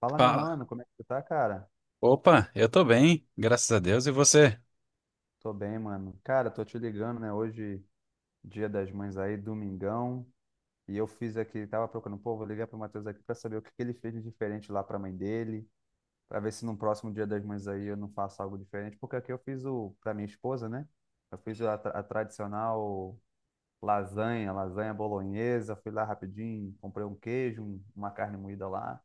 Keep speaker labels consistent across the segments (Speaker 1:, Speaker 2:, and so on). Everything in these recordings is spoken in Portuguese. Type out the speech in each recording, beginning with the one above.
Speaker 1: Fala, meu
Speaker 2: Fala.
Speaker 1: mano, como é que tu tá, cara?
Speaker 2: Opa, eu tô bem, graças a Deus, e você?
Speaker 1: Tô bem, mano. Cara, tô te ligando, né? Hoje, dia das mães aí, domingão. E eu fiz aqui, tava procurando, pô, vou ligar pro Matheus aqui pra saber o que que ele fez de diferente lá pra mãe dele, pra ver se no próximo dia das mães aí eu não faço algo diferente, porque aqui eu fiz o, pra minha esposa, né? Eu fiz a, a tradicional lasanha, lasanha bolonhesa, fui lá rapidinho, comprei um queijo, uma carne moída lá,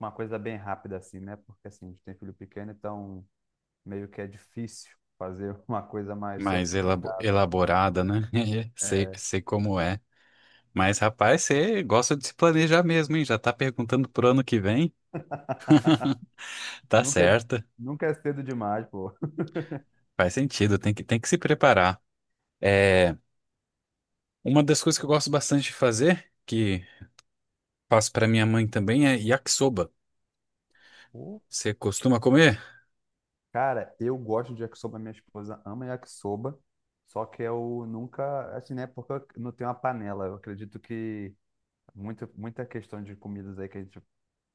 Speaker 1: uma coisa bem rápida assim, né? Porque assim, a gente tem filho pequeno, então meio que é difícil fazer uma coisa mais
Speaker 2: Mais
Speaker 1: sofisticada.
Speaker 2: elaborada, né? Sei, sei como é. Mas, rapaz, você gosta de se planejar mesmo, hein? Já tá perguntando pro ano que vem? Tá
Speaker 1: Nunca é,
Speaker 2: certa,
Speaker 1: nunca é cedo demais, pô.
Speaker 2: faz sentido, tem que se preparar. É, uma das coisas que eu gosto bastante de fazer, que faço pra minha mãe também, é yakisoba.
Speaker 1: Pô,
Speaker 2: Você costuma comer?
Speaker 1: cara, eu gosto de yakisoba, minha esposa ama yakisoba, só que eu nunca, assim, né, porque eu não tenho uma panela. Eu acredito que muita questão de comidas aí que a gente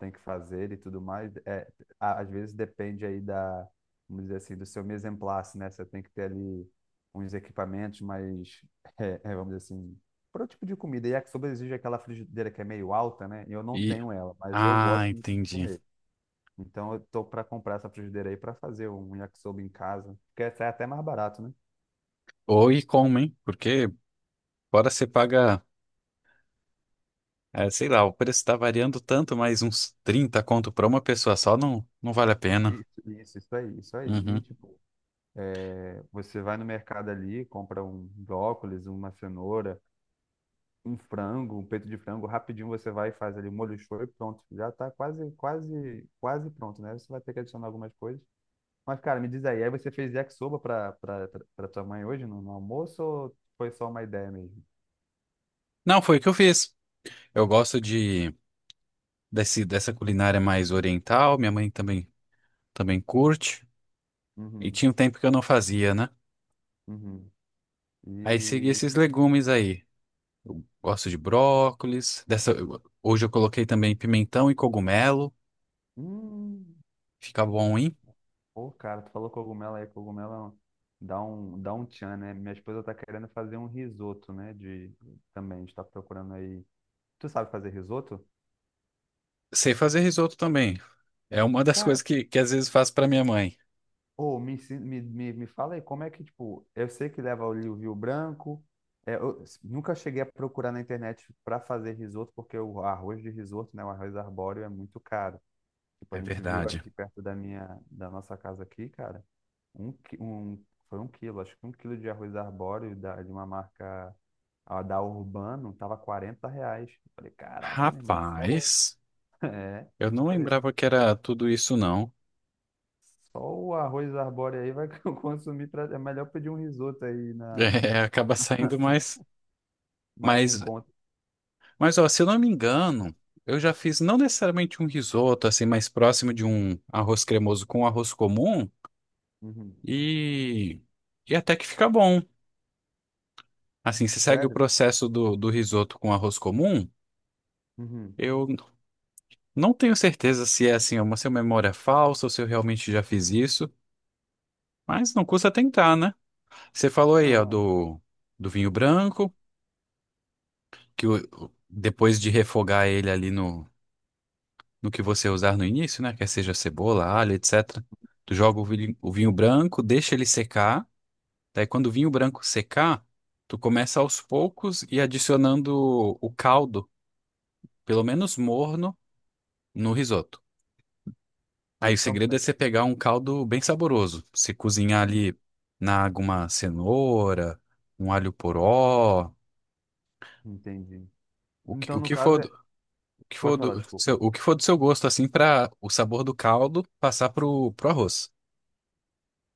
Speaker 1: tem que fazer e tudo mais. É, às vezes depende aí da, vamos dizer assim, do seu mise en place, né? Você tem que ter ali uns equipamentos mais, vamos dizer assim, para o tipo de comida. E a yakisoba exige aquela frigideira que é meio alta, né? E eu não
Speaker 2: E...
Speaker 1: tenho ela, mas eu
Speaker 2: Ah,
Speaker 1: gosto muito de
Speaker 2: entendi.
Speaker 1: comer. Então eu tô para comprar essa frigideira aí para fazer um yakisoba em casa, porque sai até mais barato, né?
Speaker 2: Ou e como, hein? Porque fora você paga. É, sei lá, o preço tá variando tanto, mas uns 30 conto pra uma pessoa só não vale a pena.
Speaker 1: Isso aí, isso aí. E,
Speaker 2: Uhum.
Speaker 1: tipo, é, você vai no mercado ali, compra um brócolis, uma cenoura, um frango, um peito de frango, rapidinho você vai e faz ali o molho show e pronto. Já tá quase pronto, né? Você vai ter que adicionar algumas coisas. Mas, cara, me diz aí, aí você fez yakisoba pra tua mãe hoje no almoço ou foi só uma ideia mesmo?
Speaker 2: Não, foi o que eu fiz. Eu gosto dessa culinária mais oriental, minha mãe também curte. E
Speaker 1: Uhum,
Speaker 2: tinha um tempo que eu não fazia, né?
Speaker 1: uhum.
Speaker 2: Aí segui
Speaker 1: E...
Speaker 2: esses legumes aí. Eu gosto de brócolis. Hoje eu coloquei também pimentão e cogumelo.
Speaker 1: Hum,
Speaker 2: Fica bom, hein?
Speaker 1: pô, cara, tu falou cogumelo aí, cogumelo dá um tchan, né? Minha esposa tá querendo fazer um risoto, né? De, também, a gente tá procurando aí... Tu sabe fazer risoto?
Speaker 2: Sei fazer risoto também. É uma das
Speaker 1: Cara,
Speaker 2: coisas que às vezes faço pra minha mãe.
Speaker 1: ô, me, ensi- me fala aí, como é que, tipo, eu sei que leva ali o vinho branco, é, nunca cheguei a procurar na internet para fazer risoto, porque o arroz de risoto, né, o arroz arbóreo é muito caro. Tipo, a
Speaker 2: É
Speaker 1: gente viu
Speaker 2: verdade.
Speaker 1: aqui perto da nossa casa aqui, cara, um, qui- um, foi um quilo, acho que um quilo de arroz arbóreo de uma marca a da Urbano, tava R$ 40. Eu falei, caraca, meu irmão, só... o-"
Speaker 2: Rapaz.
Speaker 1: É,
Speaker 2: Eu não
Speaker 1: falei,
Speaker 2: lembrava que era tudo isso, não.
Speaker 1: só o arroz arbóreo aí vai consumir. Pra... É melhor pedir um risoto aí na...
Speaker 2: É, acaba saindo mais.
Speaker 1: mais no
Speaker 2: Mas,
Speaker 1: encontro.
Speaker 2: mas ó, se eu não me engano, eu já fiz não necessariamente um risoto, assim, mais próximo de um arroz cremoso com arroz comum,
Speaker 1: Uhum.
Speaker 2: e, e até que fica bom. Assim, se segue o
Speaker 1: Sério?
Speaker 2: processo do risoto com arroz comum,
Speaker 1: Uhum.
Speaker 2: eu n- não tenho certeza se é assim, uma se é memória falsa ou se eu realmente já fiz isso, mas não custa tentar, né? Você falou aí, ó,
Speaker 1: Não, é.
Speaker 2: do vinho branco. Depois de refogar ele ali no que você usar no início, né? Quer seja cebola, alho, etc. Tu joga o vinho branco, deixa ele secar. Daí quando o vinho branco secar, tu começa aos poucos e adicionando o caldo, pelo menos morno, no risoto. Aí o
Speaker 1: Então,
Speaker 2: segredo
Speaker 1: é.
Speaker 2: é você pegar um caldo bem saboroso. Você cozinhar
Speaker 1: Uhum.
Speaker 2: ali na água uma cenoura, um alho poró,
Speaker 1: Entendi.
Speaker 2: o que,
Speaker 1: Então,
Speaker 2: o
Speaker 1: no
Speaker 2: que
Speaker 1: caso,
Speaker 2: for
Speaker 1: é... pode falar, desculpa.
Speaker 2: o que for do seu gosto, assim, para o sabor do caldo passar pro arroz.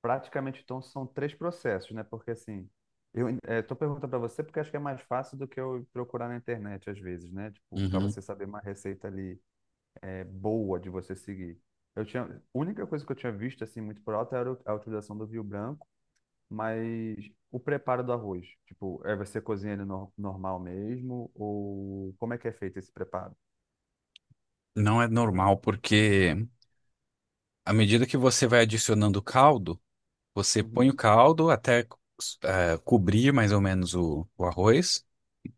Speaker 1: Praticamente, então, são três processos, né? Porque assim, eu estou perguntando para você porque acho que é mais fácil do que eu procurar na internet às vezes, né? Tipo, para
Speaker 2: Uhum.
Speaker 1: você saber uma receita ali é, boa de você seguir. Eu tinha... A única coisa que eu tinha visto, assim, muito por alto era a utilização do vinho branco. Mas o preparo do arroz, tipo, é você cozinha ele normal mesmo? Ou como é que é feito esse preparo?
Speaker 2: Não é normal, porque à medida que você vai adicionando o caldo, você põe
Speaker 1: Uhum.
Speaker 2: o caldo até cobrir mais ou menos o arroz,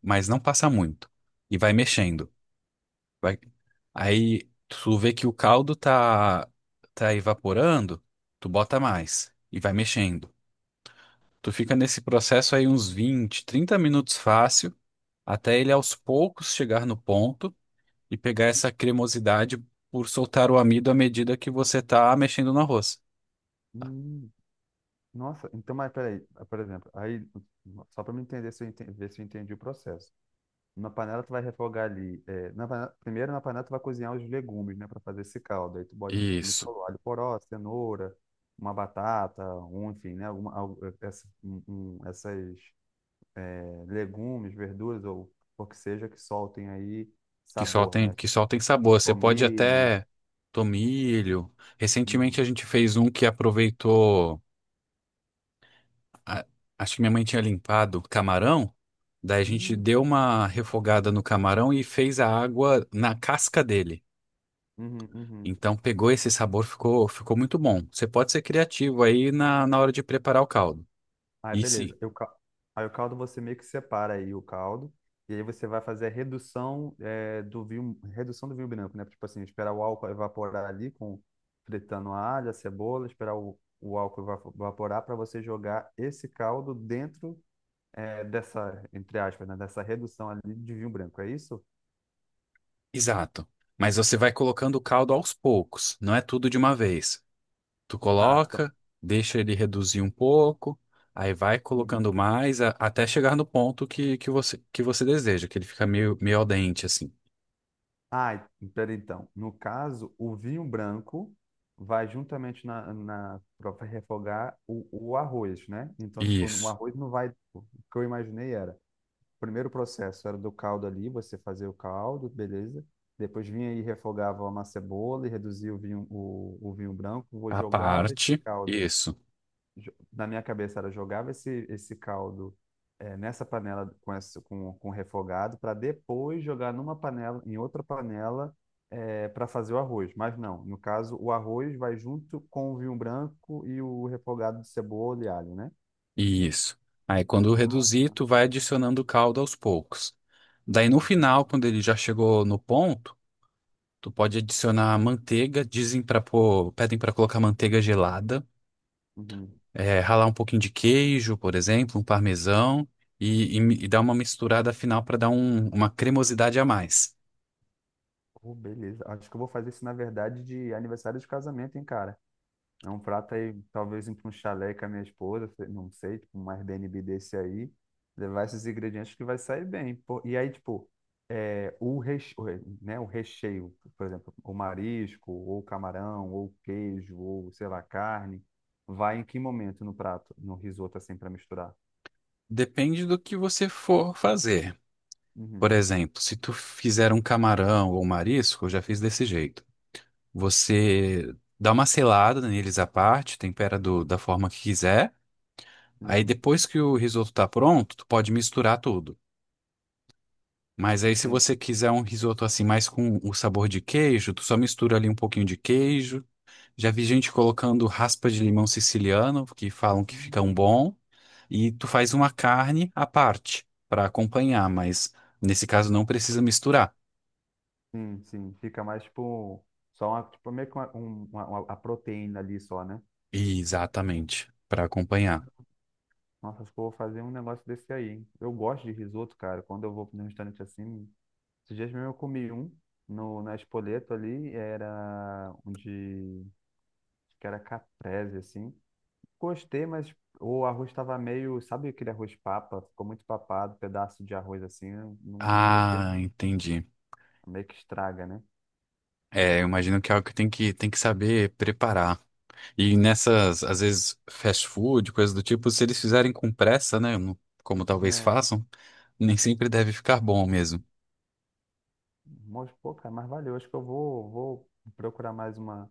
Speaker 2: mas não passa muito. E vai mexendo. Vai... Aí tu vê que o caldo tá evaporando, tu bota mais e vai mexendo. Tu fica nesse processo aí uns 20 30 minutos fácil até ele aos poucos chegar no ponto e pegar essa cremosidade por soltar o amido à medida que você está mexendo no arroz.
Speaker 1: Hum, nossa, então, mas peraí, por exemplo, aí, só para me entender se eu entendi, ver se eu entendi o processo. Na panela tu vai refogar ali, é, primeiro na panela tu vai cozinhar os legumes, né, para fazer esse caldo. Aí tu bota, como tu
Speaker 2: Isso,
Speaker 1: falou, alho poró, cenoura, uma batata, um, enfim, né, alguma, al- é, essa, um- essas legumes, verduras ou o que seja que soltem aí
Speaker 2: que só
Speaker 1: sabor,
Speaker 2: tem,
Speaker 1: né?
Speaker 2: que só tem
Speaker 1: O
Speaker 2: sabor. Você pode
Speaker 1: tomilho.
Speaker 2: até tomilho.
Speaker 1: Uhum.
Speaker 2: Recentemente a gente fez um que aproveitou, a- acho que minha mãe tinha limpado camarão, daí a gente
Speaker 1: Hum.
Speaker 2: deu uma refogada no camarão e fez a água na casca dele.
Speaker 1: Uhum, uhum.
Speaker 2: Então pegou esse sabor, ficou muito bom. Você pode ser criativo aí na hora de preparar o caldo.
Speaker 1: Aí,
Speaker 2: E sim.
Speaker 1: beleza. Aí o caldo você meio que separa aí o caldo e aí você vai fazer a redução é, do vinho, redução do vinho branco, né? Tipo assim, esperar o álcool evaporar ali com fritando a alho, a cebola, esperar o álcool evaporar para você jogar esse caldo dentro é, dessa, entre aspas, né? Dessa redução ali de vinho branco, é isso?
Speaker 2: Exato. Mas você vai colocando o caldo aos poucos, não é tudo de uma vez. Tu
Speaker 1: Ah,
Speaker 2: coloca, deixa ele reduzir um pouco, aí vai
Speaker 1: então.
Speaker 2: colocando mais até chegar no ponto que você deseja, que ele fica meio, meio al dente, assim.
Speaker 1: Ah, pera então. No caso, o vinho branco vai juntamente na para refogar o arroz, né? Então, tipo, o
Speaker 2: Isso.
Speaker 1: arroz não vai. O que eu imaginei era, o primeiro processo era do caldo ali, você fazia o caldo, beleza? Depois vinha e refogava uma cebola e reduzia o vinho, o vinho branco, vou
Speaker 2: A
Speaker 1: jogava esse
Speaker 2: parte.
Speaker 1: caldo
Speaker 2: Isso.
Speaker 1: jo- na minha cabeça era jogava esse, esse caldo eh, nessa panela com, essa, com refogado para depois jogar numa panela, em outra panela para fazer o arroz. Mas não, no caso, o arroz vai junto com o vinho branco e o refogado de cebola e alho, né?
Speaker 2: Isso. Aí quando
Speaker 1: Ah,
Speaker 2: reduzir, tu vai adicionando o caldo aos poucos. Daí no
Speaker 1: entendi.
Speaker 2: final, quando ele já chegou no ponto, tu pode adicionar manteiga. Pedem para colocar manteiga gelada.
Speaker 1: Uhum,
Speaker 2: É, ralar um pouquinho de queijo, por exemplo, um parmesão e
Speaker 1: uhum.
Speaker 2: dar uma misturada final para dar uma cremosidade a mais.
Speaker 1: Pô, beleza. Acho que eu vou fazer isso, na verdade, de aniversário de casamento, hein, cara? É um prato aí, talvez ir para um chalé com a minha esposa, sei- não sei, tipo, um Airbnb desse aí, levar esses ingredientes que vai sair bem. Pô. E aí, tipo, é, o reche- o re- né, o recheio, por exemplo, o marisco, ou camarão, ou queijo, ou sei lá, carne, vai em que momento no prato, no risoto assim para misturar?
Speaker 2: Depende do que você for fazer. Por
Speaker 1: Uhum,
Speaker 2: exemplo, se tu fizer um camarão ou um marisco, eu já fiz desse jeito. Você dá uma selada neles à parte, tempera da forma que quiser. Aí
Speaker 1: uhum.
Speaker 2: depois que o risoto tá pronto, tu pode misturar tudo. Mas aí se você
Speaker 1: Entendi.
Speaker 2: quiser um risoto assim mais com o sabor de queijo, tu só mistura ali um pouquinho de queijo. Já vi gente colocando raspa de limão siciliano, que falam que fica
Speaker 1: Hum.
Speaker 2: um bom, e tu faz uma carne à parte para acompanhar, mas nesse caso não precisa misturar.
Speaker 1: Sim, sim, fica mais tipo só uma, tipo, meio que uma a proteína ali só, né?
Speaker 2: Exatamente, para acompanhar.
Speaker 1: Nossa, acho que eu vou fazer um negócio desse aí, hein? Eu gosto de risoto, cara. Quando eu vou num restaurante assim, esses dias mesmo eu comi um no, na Spoleto ali, era um de, acho que era caprese, assim. Gostei, mas o arroz estava meio, sabe aquele arroz papa? Ficou muito papado, pedaço de arroz assim, eu não, não gostei,
Speaker 2: Ah, entendi.
Speaker 1: meio que estraga, né?
Speaker 2: É, eu imagino que é algo que tem que saber preparar. E nessas, às vezes, fast food, coisas do tipo, se eles fizerem com pressa, né, como talvez
Speaker 1: É,
Speaker 2: façam, nem sempre deve ficar bom mesmo.
Speaker 1: mas, pô, cara, mas valeu. Acho que eu vou procurar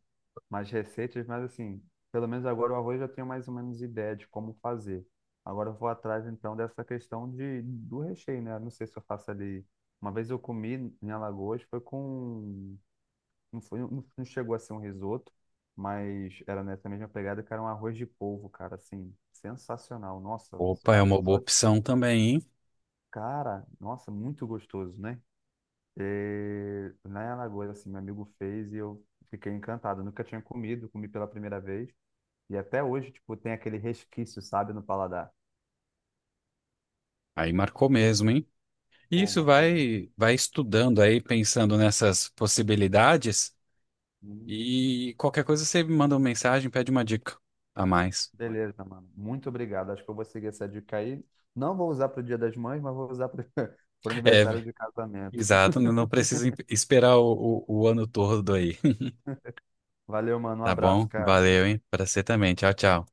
Speaker 1: mais receitas, mas assim, pelo menos agora o arroz eu já tenho mais ou menos ideia de como fazer. Agora eu vou atrás então dessa questão de, do recheio, né? Não sei se eu faço ali. Uma vez eu comi em Alagoas, foi com. Não foi, não chegou a ser um risoto, mas era nessa mesma pegada que era um arroz de polvo, cara, assim, sensacional. Nossa,
Speaker 2: Opa, é
Speaker 1: olha
Speaker 2: uma boa
Speaker 1: só.
Speaker 2: opção também, hein?
Speaker 1: Cara, nossa, muito gostoso, né? E lá em Alagoas, assim, meu amigo fez e eu fiquei encantado. Nunca tinha comido, comi pela primeira vez. E até hoje, tipo, tem aquele resquício, sabe, no paladar.
Speaker 2: Aí marcou mesmo, hein? E
Speaker 1: Pô,
Speaker 2: isso
Speaker 1: marcou muito.
Speaker 2: vai estudando aí, pensando nessas possibilidades
Speaker 1: Hum.
Speaker 2: e qualquer coisa você me manda uma mensagem, pede uma dica a mais.
Speaker 1: Beleza, mano. Muito obrigado. Acho que eu vou seguir essa dica aí. Não vou usar pro Dia das Mães, mas vou usar pro, pro aniversário
Speaker 2: É,
Speaker 1: de casamento.
Speaker 2: exato, não precisa esperar o ano todo aí.
Speaker 1: Valeu, mano. Um
Speaker 2: Tá
Speaker 1: abraço,
Speaker 2: bom?
Speaker 1: cara.
Speaker 2: Valeu, hein? Pra você também. Tchau, tchau.